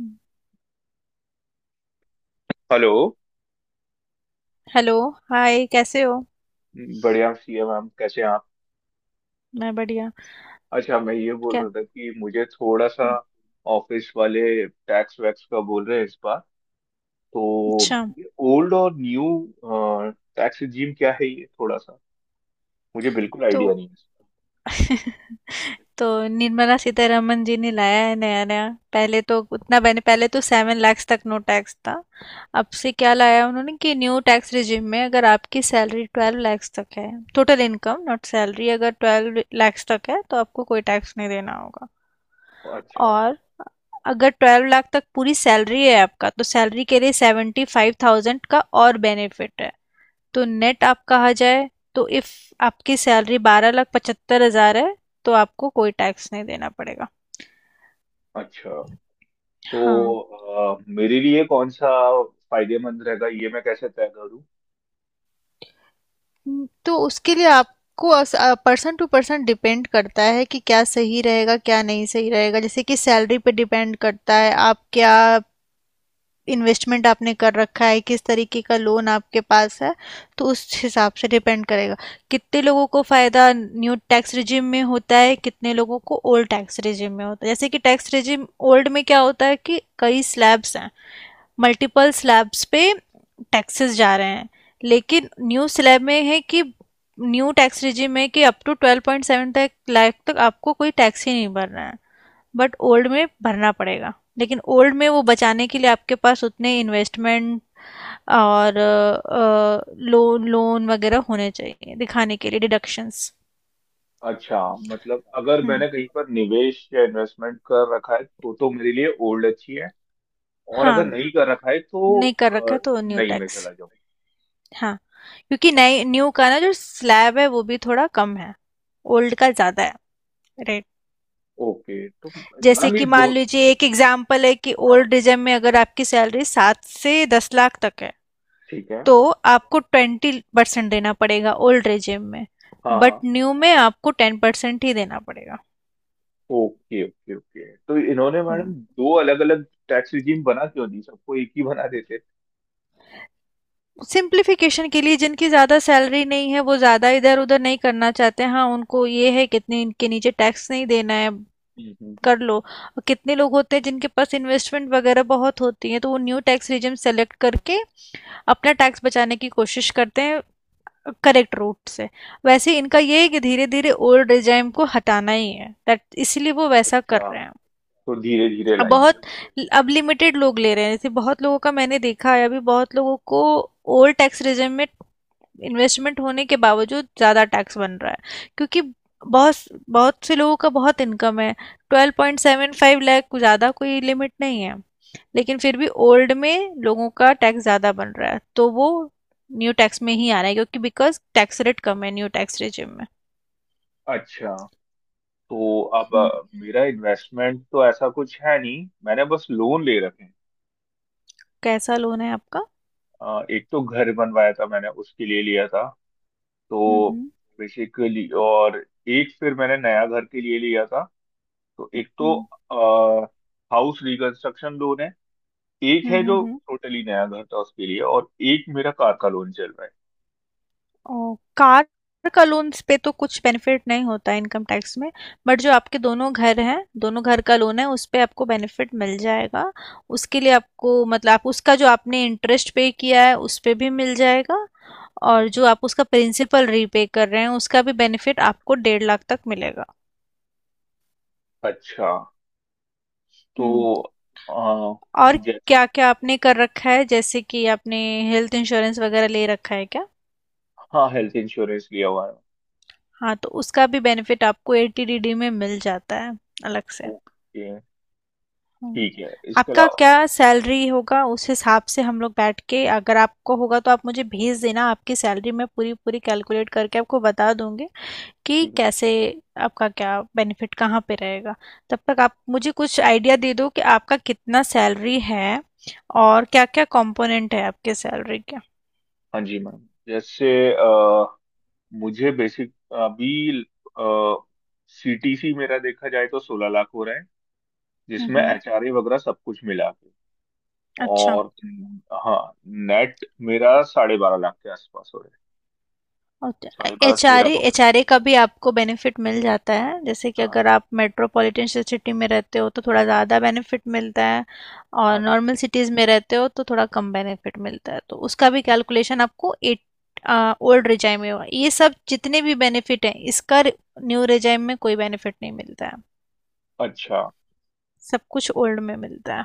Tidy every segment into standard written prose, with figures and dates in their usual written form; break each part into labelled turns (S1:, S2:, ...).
S1: हुँ।
S2: Hello.
S1: Hello, hi कैसे हो?
S2: बढ़िया सी है मैम, कैसे हैं आप?
S1: मैं बढ़िया।
S2: अच्छा, मैं ये बोल
S1: क्या।
S2: रहा था कि मुझे थोड़ा सा
S1: हुँ।
S2: ऑफिस वाले टैक्स वैक्स का बोल रहे हैं इस बार। तो
S1: अच्छा,
S2: ये ओल्ड और न्यू टैक्स रिजीम क्या है, ये थोड़ा सा मुझे बिल्कुल
S1: तो
S2: आइडिया नहीं
S1: तो निर्मला सीतारमण जी ने लाया है नया-नया। पहले तो 7 लाख तक नो टैक्स था। अब से क्या लाया उन्होंने कि न्यू टैक्स रिजिम में अगर आपकी सैलरी 12 लाख तक है, टोटल इनकम नॉट सैलरी, अगर 12 लाख तक है तो आपको कोई टैक्स नहीं देना होगा।
S2: है। अच्छा।
S1: और अगर 12 लाख तक पूरी सैलरी है आपका तो सैलरी के लिए 75,000 का और बेनिफिट है। तो नेट आप कहा जाए तो इफ आपकी सैलरी 12,75,000 है तो आपको कोई टैक्स नहीं देना पड़ेगा।
S2: अच्छा तो
S1: हाँ।
S2: मेरे लिए कौन सा फायदेमंद रहेगा, ये मैं कैसे तय करूँ?
S1: तो उसके लिए आपको, पर्सन टू पर्सन डिपेंड करता है कि क्या सही रहेगा क्या नहीं सही रहेगा। जैसे कि सैलरी पे डिपेंड करता है, आप क्या इन्वेस्टमेंट आपने कर रखा है, किस तरीके का लोन आपके पास है, तो उस हिसाब से डिपेंड करेगा। कितने लोगों को फ़ायदा न्यू टैक्स रिजिम में होता है, कितने लोगों को ओल्ड टैक्स रिजिम में होता है। जैसे कि टैक्स रिजिम ओल्ड में क्या होता है कि कई स्लैब्स हैं, मल्टीपल स्लैब्स पे टैक्सेस जा रहे हैं। लेकिन न्यू स्लैब में है कि न्यू टैक्स रिजिम में कि अप टू 12.7 लाख तक आपको कोई टैक्स ही नहीं भरना है, बट ओल्ड में भरना पड़ेगा। लेकिन ओल्ड में वो बचाने के लिए आपके पास उतने इन्वेस्टमेंट और लोन लोन वगैरह होने चाहिए दिखाने के लिए, डिडक्शंस।
S2: अच्छा, मतलब अगर मैंने कहीं पर निवेश या इन्वेस्टमेंट कर रखा है तो मेरे लिए ओल्ड अच्छी है, और अगर
S1: हाँ।
S2: नहीं कर रखा है तो
S1: नहीं कर
S2: अ,
S1: रखा तो न्यू
S2: नहीं में
S1: टैक्स।
S2: चला जाऊँ।
S1: हाँ, क्योंकि नए न्यू का ना जो स्लैब है वो भी थोड़ा कम है, ओल्ड का ज़्यादा है रेट।
S2: ओके तो
S1: जैसे
S2: मैम ये
S1: कि मान
S2: दो।
S1: लीजिए एक एग्जाम्पल है कि
S2: हाँ,
S1: ओल्ड रिजर्व में अगर आपकी सैलरी 7 से 10 लाख तक है
S2: ठीक है।
S1: तो आपको 20% देना पड़ेगा ओल्ड रेजिम में,
S2: हाँ
S1: बट
S2: हाँ।
S1: न्यू में आपको 10% ही देना पड़ेगा।
S2: ओके ओके ओके, तो इन्होंने मैडम
S1: हम्म।
S2: दो अलग अलग टैक्स रिजीम बना क्यों दी? सबको एक ही बना देते।
S1: सिंप्लीफिकेशन के लिए, जिनकी ज़्यादा सैलरी नहीं है वो ज़्यादा इधर उधर नहीं करना चाहते, हाँ, उनको ये है कितने इनके नीचे टैक्स नहीं देना है
S2: हम्म।
S1: कर लो। और कितने लोग होते हैं जिनके पास इन्वेस्टमेंट वगैरह बहुत होती है तो वो न्यू टैक्स रिजिम सेलेक्ट करके अपना टैक्स बचाने की कोशिश करते हैं करेक्ट रूट से। वैसे इनका ये है कि धीरे धीरे ओल्ड रिजाइम को हटाना ही है दैट, इसलिए वो वैसा कर
S2: अच्छा,
S1: रहे हैं।
S2: तो धीरे धीरे
S1: अब
S2: लाएंगे
S1: बहुत
S2: वो।
S1: अब लिमिटेड लोग ले रहे हैं। जैसे बहुत लोगों का मैंने देखा है, अभी बहुत लोगों को ओल्ड टैक्स रेजिम में इन्वेस्टमेंट होने के बावजूद ज़्यादा टैक्स बन रहा है, क्योंकि बहुत बहुत से लोगों का बहुत इनकम है, 12.75 लाख ज़्यादा कोई लिमिट नहीं है। लेकिन फिर भी ओल्ड में लोगों का टैक्स ज़्यादा बन रहा है तो वो न्यू टैक्स में ही आ रहा है क्योंकि बिकॉज टैक्स रेट कम है न्यू टैक्स रेजिम में।
S2: अच्छा, तो अब
S1: हम्म,
S2: मेरा इन्वेस्टमेंट तो ऐसा कुछ है नहीं, मैंने बस लोन ले रखे हैं।
S1: कैसा लोन है आपका?
S2: एक तो घर बनवाया था मैंने, उसके लिए लिया था। तो
S1: हम्म।
S2: बेसिकली, और एक फिर मैंने नया घर के लिए लिया था। तो एक तो
S1: हम्म।
S2: हाउस रिकंस्ट्रक्शन लोन है, एक है जो
S1: हम्म।
S2: टोटली नया घर था उसके लिए, और एक मेरा कार का लोन चल रहा है।
S1: ओ, कार का लोन्स पे तो कुछ बेनिफिट नहीं होता है इनकम टैक्स में, बट जो आपके दोनों घर हैं, दोनों घर का लोन है उस पे आपको बेनिफिट मिल जाएगा। उसके लिए आपको, मतलब आप उसका जो आपने इंटरेस्ट पे किया है उस पे भी मिल जाएगा,
S2: हम्म
S1: और जो
S2: हम्म।
S1: आप उसका प्रिंसिपल रीपे कर रहे हैं उसका भी बेनिफिट आपको 1.5 लाख तक मिलेगा।
S2: अच्छा,
S1: हम्म।
S2: तो आ,
S1: और
S2: जैस
S1: क्या क्या आपने कर रखा है, जैसे कि आपने हेल्थ इंश्योरेंस वगैरह ले रखा है क्या?
S2: हाँ, हेल्थ इंश्योरेंस लिया हुआ है।
S1: हाँ तो उसका भी बेनिफिट आपको एटीडीडी में मिल जाता है अलग से।
S2: ओके।
S1: हम्म।
S2: ठीक है, इसके
S1: आपका
S2: अलावा।
S1: क्या सैलरी होगा उस हिसाब से हम लोग बैठ के, अगर आपको होगा तो आप मुझे भेज देना आपकी सैलरी, मैं पूरी पूरी कैलकुलेट करके आपको बता दूंगी कि
S2: ठीक है।
S1: कैसे आपका क्या बेनिफिट कहाँ पे रहेगा। तब तक आप मुझे कुछ आइडिया दे दो कि आपका कितना सैलरी है और क्या क्या कंपोनेंट है आपके सैलरी के।
S2: हाँ जी मैम। जैसे अ, मुझे बेसिक अभी सीटीसी मेरा देखा जाए तो 16 लाख हो रहा है, जिसमें
S1: हम्म।
S2: एचआरए वगैरह सब कुछ मिला के।
S1: अच्छा।
S2: और हाँ, नेट मेरा 12.5 लाख के आसपास हो रहा है। साढ़े बारह तेरह
S1: एचआरए
S2: पकड़।
S1: एचआरए का भी आपको बेनिफिट मिल जाता है, जैसे कि
S2: हाँ।
S1: अगर आप मेट्रोपॉलिटन सिटी में रहते हो तो थोड़ा ज़्यादा बेनिफिट मिलता है, और
S2: हाँ जी।
S1: नॉर्मल सिटीज़ में रहते हो तो थोड़ा कम बेनिफिट मिलता है, तो उसका भी कैलकुलेशन आपको एट ओल्ड रिजाइम में होगा। ये सब जितने भी बेनिफिट हैं इसका, न्यू रिजाइम में कोई बेनिफिट नहीं मिलता है,
S2: अच्छा,
S1: सब कुछ ओल्ड में मिलता है।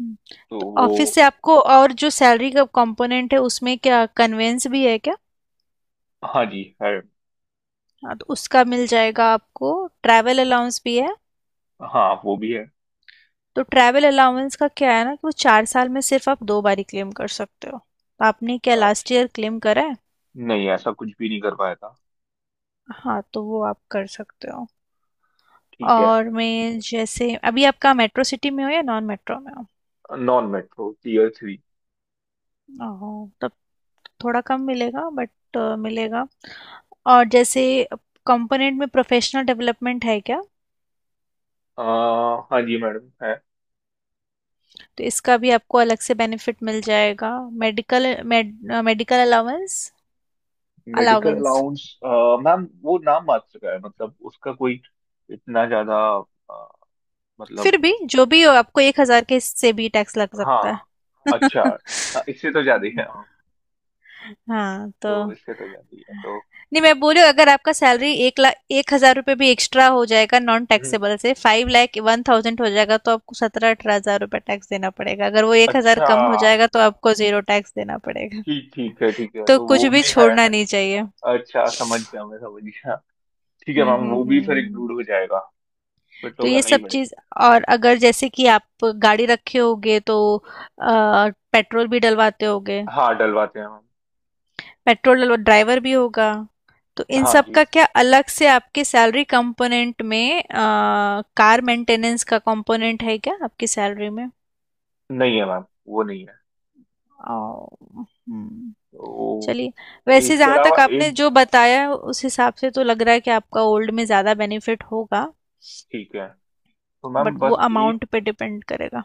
S1: हम्म।
S2: तो
S1: तो ऑफिस
S2: वो
S1: से आपको और जो सैलरी का कंपोनेंट है उसमें क्या कन्वेंस भी है क्या?
S2: हाँ जी है।
S1: हाँ तो उसका मिल जाएगा आपको। ट्रैवल अलाउंस भी है,
S2: हाँ, वो भी है।
S1: तो ट्रैवल अलाउंस का क्या है ना कि वो 4 साल में सिर्फ आप 2 बारी क्लेम कर सकते हो, तो आपने क्या लास्ट
S2: अच्छा,
S1: ईयर क्लेम करा है?
S2: नहीं ऐसा कुछ भी नहीं कर पाया था।
S1: हाँ तो वो आप कर सकते हो।
S2: ठीक है।
S1: और मैं जैसे अभी आपका मेट्रो सिटी में हो या नॉन मेट्रो में हो?
S2: Non metro, tier three.
S1: ओहो, तब थोड़ा कम मिलेगा बट मिलेगा। और जैसे कंपोनेंट में प्रोफेशनल डेवलपमेंट है क्या?
S2: आ, हाँ जी मैडम, है।
S1: तो इसका भी आपको अलग से बेनिफिट मिल जाएगा। Medical med, medical allowance.
S2: Medical
S1: allowance.
S2: Allowance. Ma'am वो नाम मात्र का है, मतलब उसका कोई इतना ज्यादा अ, मतलब।
S1: फिर भी, जो भी हो आपको 1,000 के से भी टैक्स लग सकता है।
S2: हाँ। अच्छा। हाँ, इससे तो ज्यादा ही है हाँ।
S1: हाँ, तो
S2: तो इससे तो ज्यादा ही है तो।
S1: नहीं, मैं बोल रही हूँ अगर आपका सैलरी 1,01,000 रुपये भी एक्स्ट्रा हो जाएगा नॉन टैक्सेबल से, 5,01,000 हो जाएगा तो आपको 17-18 हजार रुपये टैक्स देना पड़ेगा, अगर वो 1,000
S2: अच्छा।
S1: कम हो जाएगा तो आपको जीरो टैक्स देना पड़ेगा।
S2: ठीक ठीक है, ठीक है,
S1: तो
S2: तो वो
S1: कुछ भी
S2: भी है।
S1: छोड़ना नहीं चाहिए।
S2: अच्छा समझ गया, मैं समझ गया। ठीक है मैम, वो भी फिर
S1: हम्म।
S2: इंक्लूड हो जाएगा। फिर तो
S1: तो ये
S2: करना
S1: सब
S2: ही पड़ेगा।
S1: चीज, और अगर जैसे कि आप गाड़ी रखे होगे तो पेट्रोल भी डलवाते होगे।
S2: हाँ डलवाते हैं मैम।
S1: पेट्रोल डलवा, ड्राइवर भी होगा। तो इन
S2: हाँ
S1: सब
S2: जी।
S1: का क्या अलग से आपके सैलरी कंपोनेंट में कार मेंटेनेंस का कंपोनेंट है क्या आपकी सैलरी में?
S2: नहीं है मैम, वो नहीं है।
S1: ओ। हम्म।
S2: तो
S1: चलिए, वैसे
S2: इसके
S1: जहाँ तक
S2: अलावा
S1: आपने
S2: एक।
S1: जो बताया है, उस हिसाब से तो लग रहा है कि आपका ओल्ड में ज़्यादा बेनिफिट होगा,
S2: ठीक है। तो
S1: बट
S2: मैम
S1: वो
S2: बस एक,
S1: अमाउंट पे डिपेंड करेगा।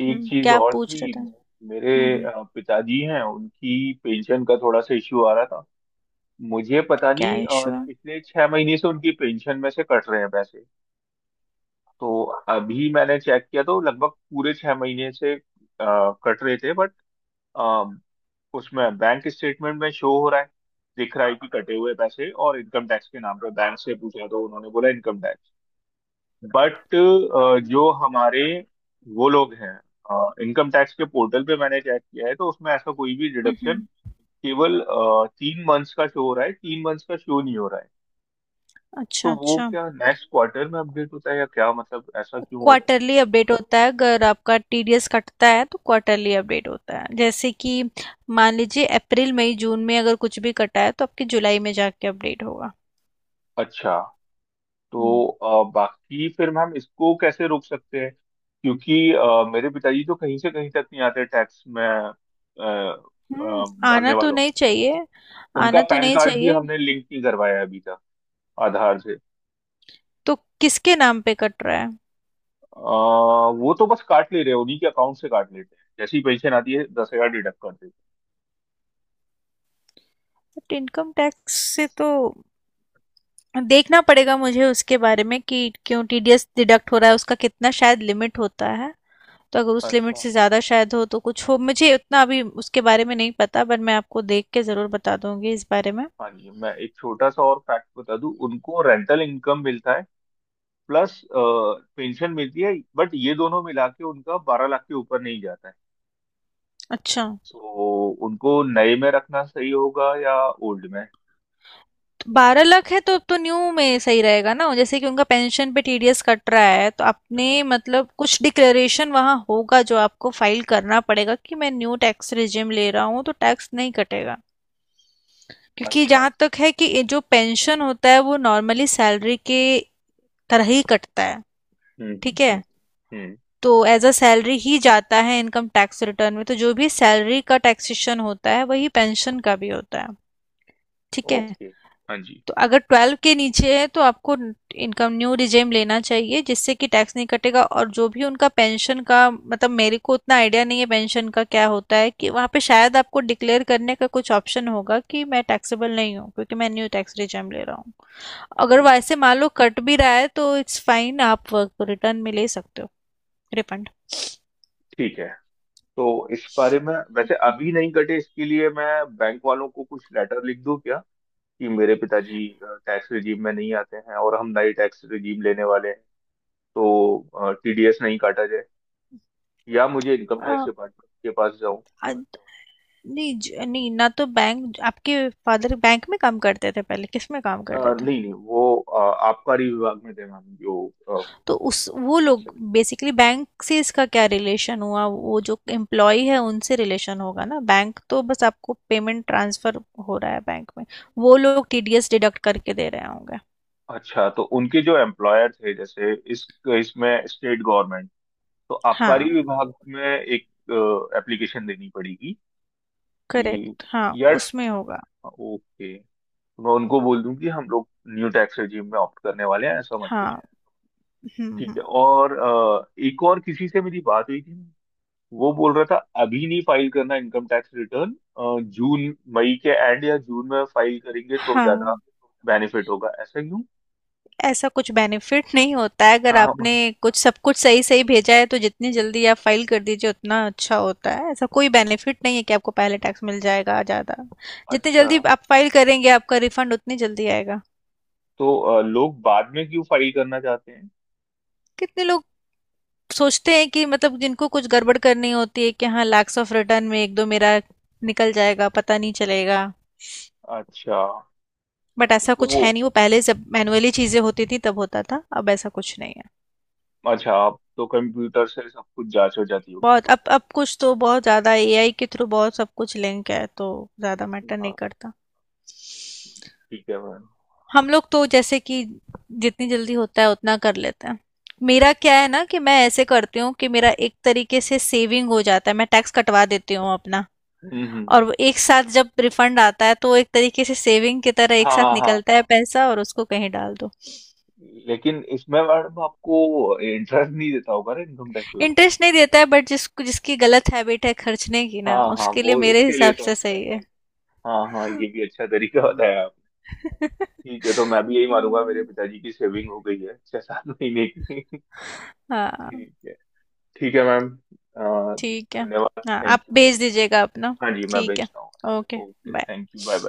S2: एक चीज
S1: क्या आप
S2: और
S1: पूछ रहे
S2: थी।
S1: थे?
S2: मेरे
S1: हम्म। हम्म,
S2: पिताजी हैं, उनकी पेंशन का थोड़ा सा इश्यू आ रहा था। मुझे पता
S1: क्या
S2: नहीं,
S1: इशू है?
S2: पिछले 6 महीने से उनकी पेंशन में से कट रहे हैं पैसे। तो अभी मैंने चेक किया तो लगभग पूरे 6 महीने से कट रहे थे, बट उसमें बैंक स्टेटमेंट में शो हो रहा है, दिख रहा है कि कटे हुए पैसे और इनकम टैक्स के नाम पे। बैंक से पूछा तो उन्होंने बोला इनकम टैक्स, बट जो हमारे वो लोग हैं इनकम टैक्स के पोर्टल पे मैंने चेक किया है तो उसमें ऐसा कोई भी
S1: हम्म।
S2: डिडक्शन
S1: हम्म।
S2: केवल 3 मंथ्स का शो हो रहा है, 3 मंथ्स का शो नहीं हो रहा है।
S1: अच्छा
S2: तो वो
S1: अच्छा।
S2: क्या नेक्स्ट क्वार्टर में अपडेट होता है या क्या, मतलब ऐसा क्यों हो रहा
S1: क्वार्टरली अपडेट होता है, अगर आपका टीडीएस कटता है तो क्वार्टरली अपडेट होता है, जैसे कि मान लीजिए अप्रैल मई जून में अगर कुछ भी कटा है तो आपके जुलाई में जाके अपडेट होगा।
S2: है? अच्छा।
S1: हम्म।
S2: तो बाकी फिर मैम इसको कैसे रोक सकते हैं, क्योंकि मेरे पिताजी तो कहीं से कहीं तक नहीं आते टैक्स में, अ,
S1: हम्म, आना
S2: भरने
S1: तो
S2: वालों में।
S1: नहीं चाहिए।
S2: उनका
S1: आना तो
S2: पैन
S1: नहीं
S2: कार्ड भी
S1: चाहिए।
S2: हमने लिंक नहीं करवाया है अभी तक आधार से।
S1: तो किसके नाम पे कट रहा है?
S2: अ, वो तो बस काट ले रहे हैं, उन्हीं के अकाउंट से काट लेते हैं, जैसे ही पेंशन आती है 10 हजार डिडक्ट कर देते
S1: बट इनकम टैक्स से तो देखना पड़ेगा मुझे उसके बारे में कि क्यों टीडीएस डिडक्ट हो रहा है, उसका कितना शायद लिमिट होता है, तो अगर
S2: हैं।
S1: उस लिमिट
S2: अच्छा,
S1: से ज़्यादा शायद हो तो कुछ हो, मुझे उतना अभी उसके बारे में नहीं पता, बट मैं आपको देख के ज़रूर बता दूंगी इस बारे में।
S2: हाँ जी मैं एक छोटा सा और फैक्ट बता दूं, उनको रेंटल इनकम मिलता है प्लस पेंशन मिलती है, बट ये दोनों मिला के उनका 12 लाख के ऊपर नहीं जाता है।
S1: अच्छा।
S2: तो उनको नए में रखना सही होगा या ओल्ड में?
S1: तो 12 लाख है तो अब तो न्यू में सही रहेगा ना। जैसे कि उनका पेंशन पे टीडीएस कट रहा है, तो
S2: हाँ।
S1: आपने मतलब कुछ डिक्लेरेशन वहाँ होगा जो आपको फाइल करना पड़ेगा कि मैं न्यू टैक्स रिजिम ले रहा हूँ तो टैक्स नहीं कटेगा, क्योंकि
S2: अच्छा।
S1: जहाँ तक है कि ये जो पेंशन होता है वो नॉर्मली सैलरी के तरह ही कटता है। ठीक है,
S2: हम्म। हम्म।
S1: तो एज अ सैलरी ही जाता है इनकम टैक्स रिटर्न में, तो जो भी सैलरी का टैक्सेशन होता है वही पेंशन का भी होता है। ठीक है।
S2: ओके। हाँ जी।
S1: तो अगर 12 के नीचे है तो आपको इनकम, न्यू रिजेम लेना चाहिए जिससे कि टैक्स नहीं कटेगा, और जो भी उनका पेंशन का मतलब मेरे को उतना आइडिया नहीं है पेंशन का क्या होता है कि वहाँ पे शायद आपको डिक्लेयर करने का कुछ ऑप्शन होगा कि मैं टैक्सेबल नहीं हूँ क्योंकि मैं न्यू टैक्स रिजेम ले रहा हूँ। अगर
S2: ठीक है।
S1: वैसे मान लो कट भी रहा है तो इट्स फाइन, आप वर्क रिटर्न में ले सकते हो रिफंड।
S2: ठीक है, तो इस बारे में वैसे अभी नहीं कटे, इसके लिए मैं बैंक वालों को कुछ लेटर लिख दूं क्या कि मेरे पिताजी टैक्स रिजीम में नहीं आते हैं और हम नए टैक्स रिजीम लेने वाले हैं तो टीडीएस नहीं काटा जाए? या मुझे इनकम टैक्स
S1: अ,
S2: डिपार्टमेंट के पास जाऊं?
S1: अ, नहीं ना, तो बैंक आपके फादर, बैंक में काम करते थे पहले, किस में काम करते थे?
S2: नहीं नहीं, वो आबकारी विभाग में थे मैम, जो
S1: तो उस, वो
S2: टैक्स।
S1: लोग बेसिकली बैंक से इसका क्या रिलेशन हुआ? वो जो एम्प्लॉय है उनसे रिलेशन होगा ना, बैंक तो बस आपको पेमेंट ट्रांसफर हो रहा है बैंक में, वो लोग टीडीएस डिडक्ट करके दे रहे होंगे।
S2: अच्छा, तो उनके जो एम्प्लॉयर थे जैसे इस, इसमें स्टेट गवर्नमेंट। तो
S1: हाँ
S2: आबकारी विभाग में एक एप्लीकेशन देनी पड़ेगी कि,
S1: करेक्ट, हाँ
S2: यार।
S1: उसमें होगा।
S2: ओके, मैं उनको बोल दूं कि हम लोग न्यू टैक्स रेजिम में ऑप्ट करने वाले हैं, ऐसा मत करिए।
S1: हाँ।
S2: ठीक
S1: हम्म।
S2: है। और एक और किसी से मेरी बात हुई थी, वो बोल रहा था अभी नहीं फाइल करना इनकम टैक्स रिटर्न, जून मई के एंड या जून में फाइल करेंगे तो ज्यादा
S1: हाँ,
S2: बेनिफिट होगा। ऐसा क्यों?
S1: ऐसा कुछ बेनिफिट नहीं होता है। अगर
S2: हाँ हाँ।
S1: आपने कुछ सब कुछ सही-सही भेजा है तो जितनी जल्दी आप फाइल कर दीजिए उतना अच्छा होता है, ऐसा कोई बेनिफिट नहीं है कि आपको पहले टैक्स मिल जाएगा ज़्यादा। जितनी
S2: अच्छा,
S1: जल्दी आप फाइल करेंगे आपका रिफंड उतनी जल्दी आएगा।
S2: तो लोग बाद में क्यों फाइल करना चाहते हैं?
S1: कितने लोग सोचते हैं कि मतलब जिनको कुछ गड़बड़ करनी होती है कि हाँ लैक्स ऑफ रिटर्न में एक दो मेरा निकल जाएगा पता नहीं चलेगा,
S2: अच्छा।
S1: बट ऐसा
S2: तो
S1: कुछ
S2: वो
S1: है नहीं, वो पहले जब मैनुअली चीज़ें होती थी तब होता था, अब ऐसा कुछ नहीं है।
S2: अच्छा, आप तो कंप्यूटर से सब कुछ जांच हो जाती होगी
S1: बहुत
S2: कुछ।
S1: अब कुछ तो बहुत ज़्यादा एआई के थ्रू बहुत सब कुछ लिंक है तो ज़्यादा मैटर नहीं
S2: हाँ।
S1: करता।
S2: ठीक है मैम।
S1: हम लोग तो जैसे कि जितनी जल्दी होता है उतना कर लेते हैं। मेरा क्या है ना कि मैं ऐसे करती हूँ कि मेरा एक तरीके से सेविंग हो जाता है, मैं टैक्स कटवा देती हूँ अपना,
S2: हम्म हम्म,
S1: और
S2: हम्म।
S1: वो एक साथ जब रिफंड आता है तो वो एक तरीके से सेविंग की तरह एक
S2: हाँ
S1: साथ
S2: हाँ हाँ
S1: निकलता
S2: हाँ।
S1: है पैसा और उसको कहीं डाल दो।
S2: लेकिन इसमें मैडम आपको इंटरेस्ट नहीं देता होगा ना इनकम टैक्स विभाग?
S1: इंटरेस्ट नहीं देता है, बट जिसको जिसकी गलत हैबिट है खर्चने की ना
S2: हाँ हाँ,
S1: उसके लिए
S2: वो
S1: मेरे
S2: उसके लिए
S1: हिसाब
S2: तो
S1: से
S2: अच्छा है
S1: सही
S2: हाँ।
S1: है।
S2: हाँ हाँ, ये भी अच्छा तरीका बताया आपने। ठीक है, तो मैं भी यही मानूंगा, मेरे
S1: हाँ।
S2: पिताजी की सेविंग हो गई है 6-7 महीने की।
S1: हाँ।
S2: ठीक है। ठीक है मैम। अ,
S1: ठीक है।
S2: धन्यवाद।
S1: हाँ आप
S2: थैंक यू।
S1: भेज दीजिएगा अपना।
S2: हाँ जी मैं
S1: ठीक है।
S2: भेजता हूँ।
S1: Okay.
S2: Okay,
S1: bye.
S2: Thank you, bye bye.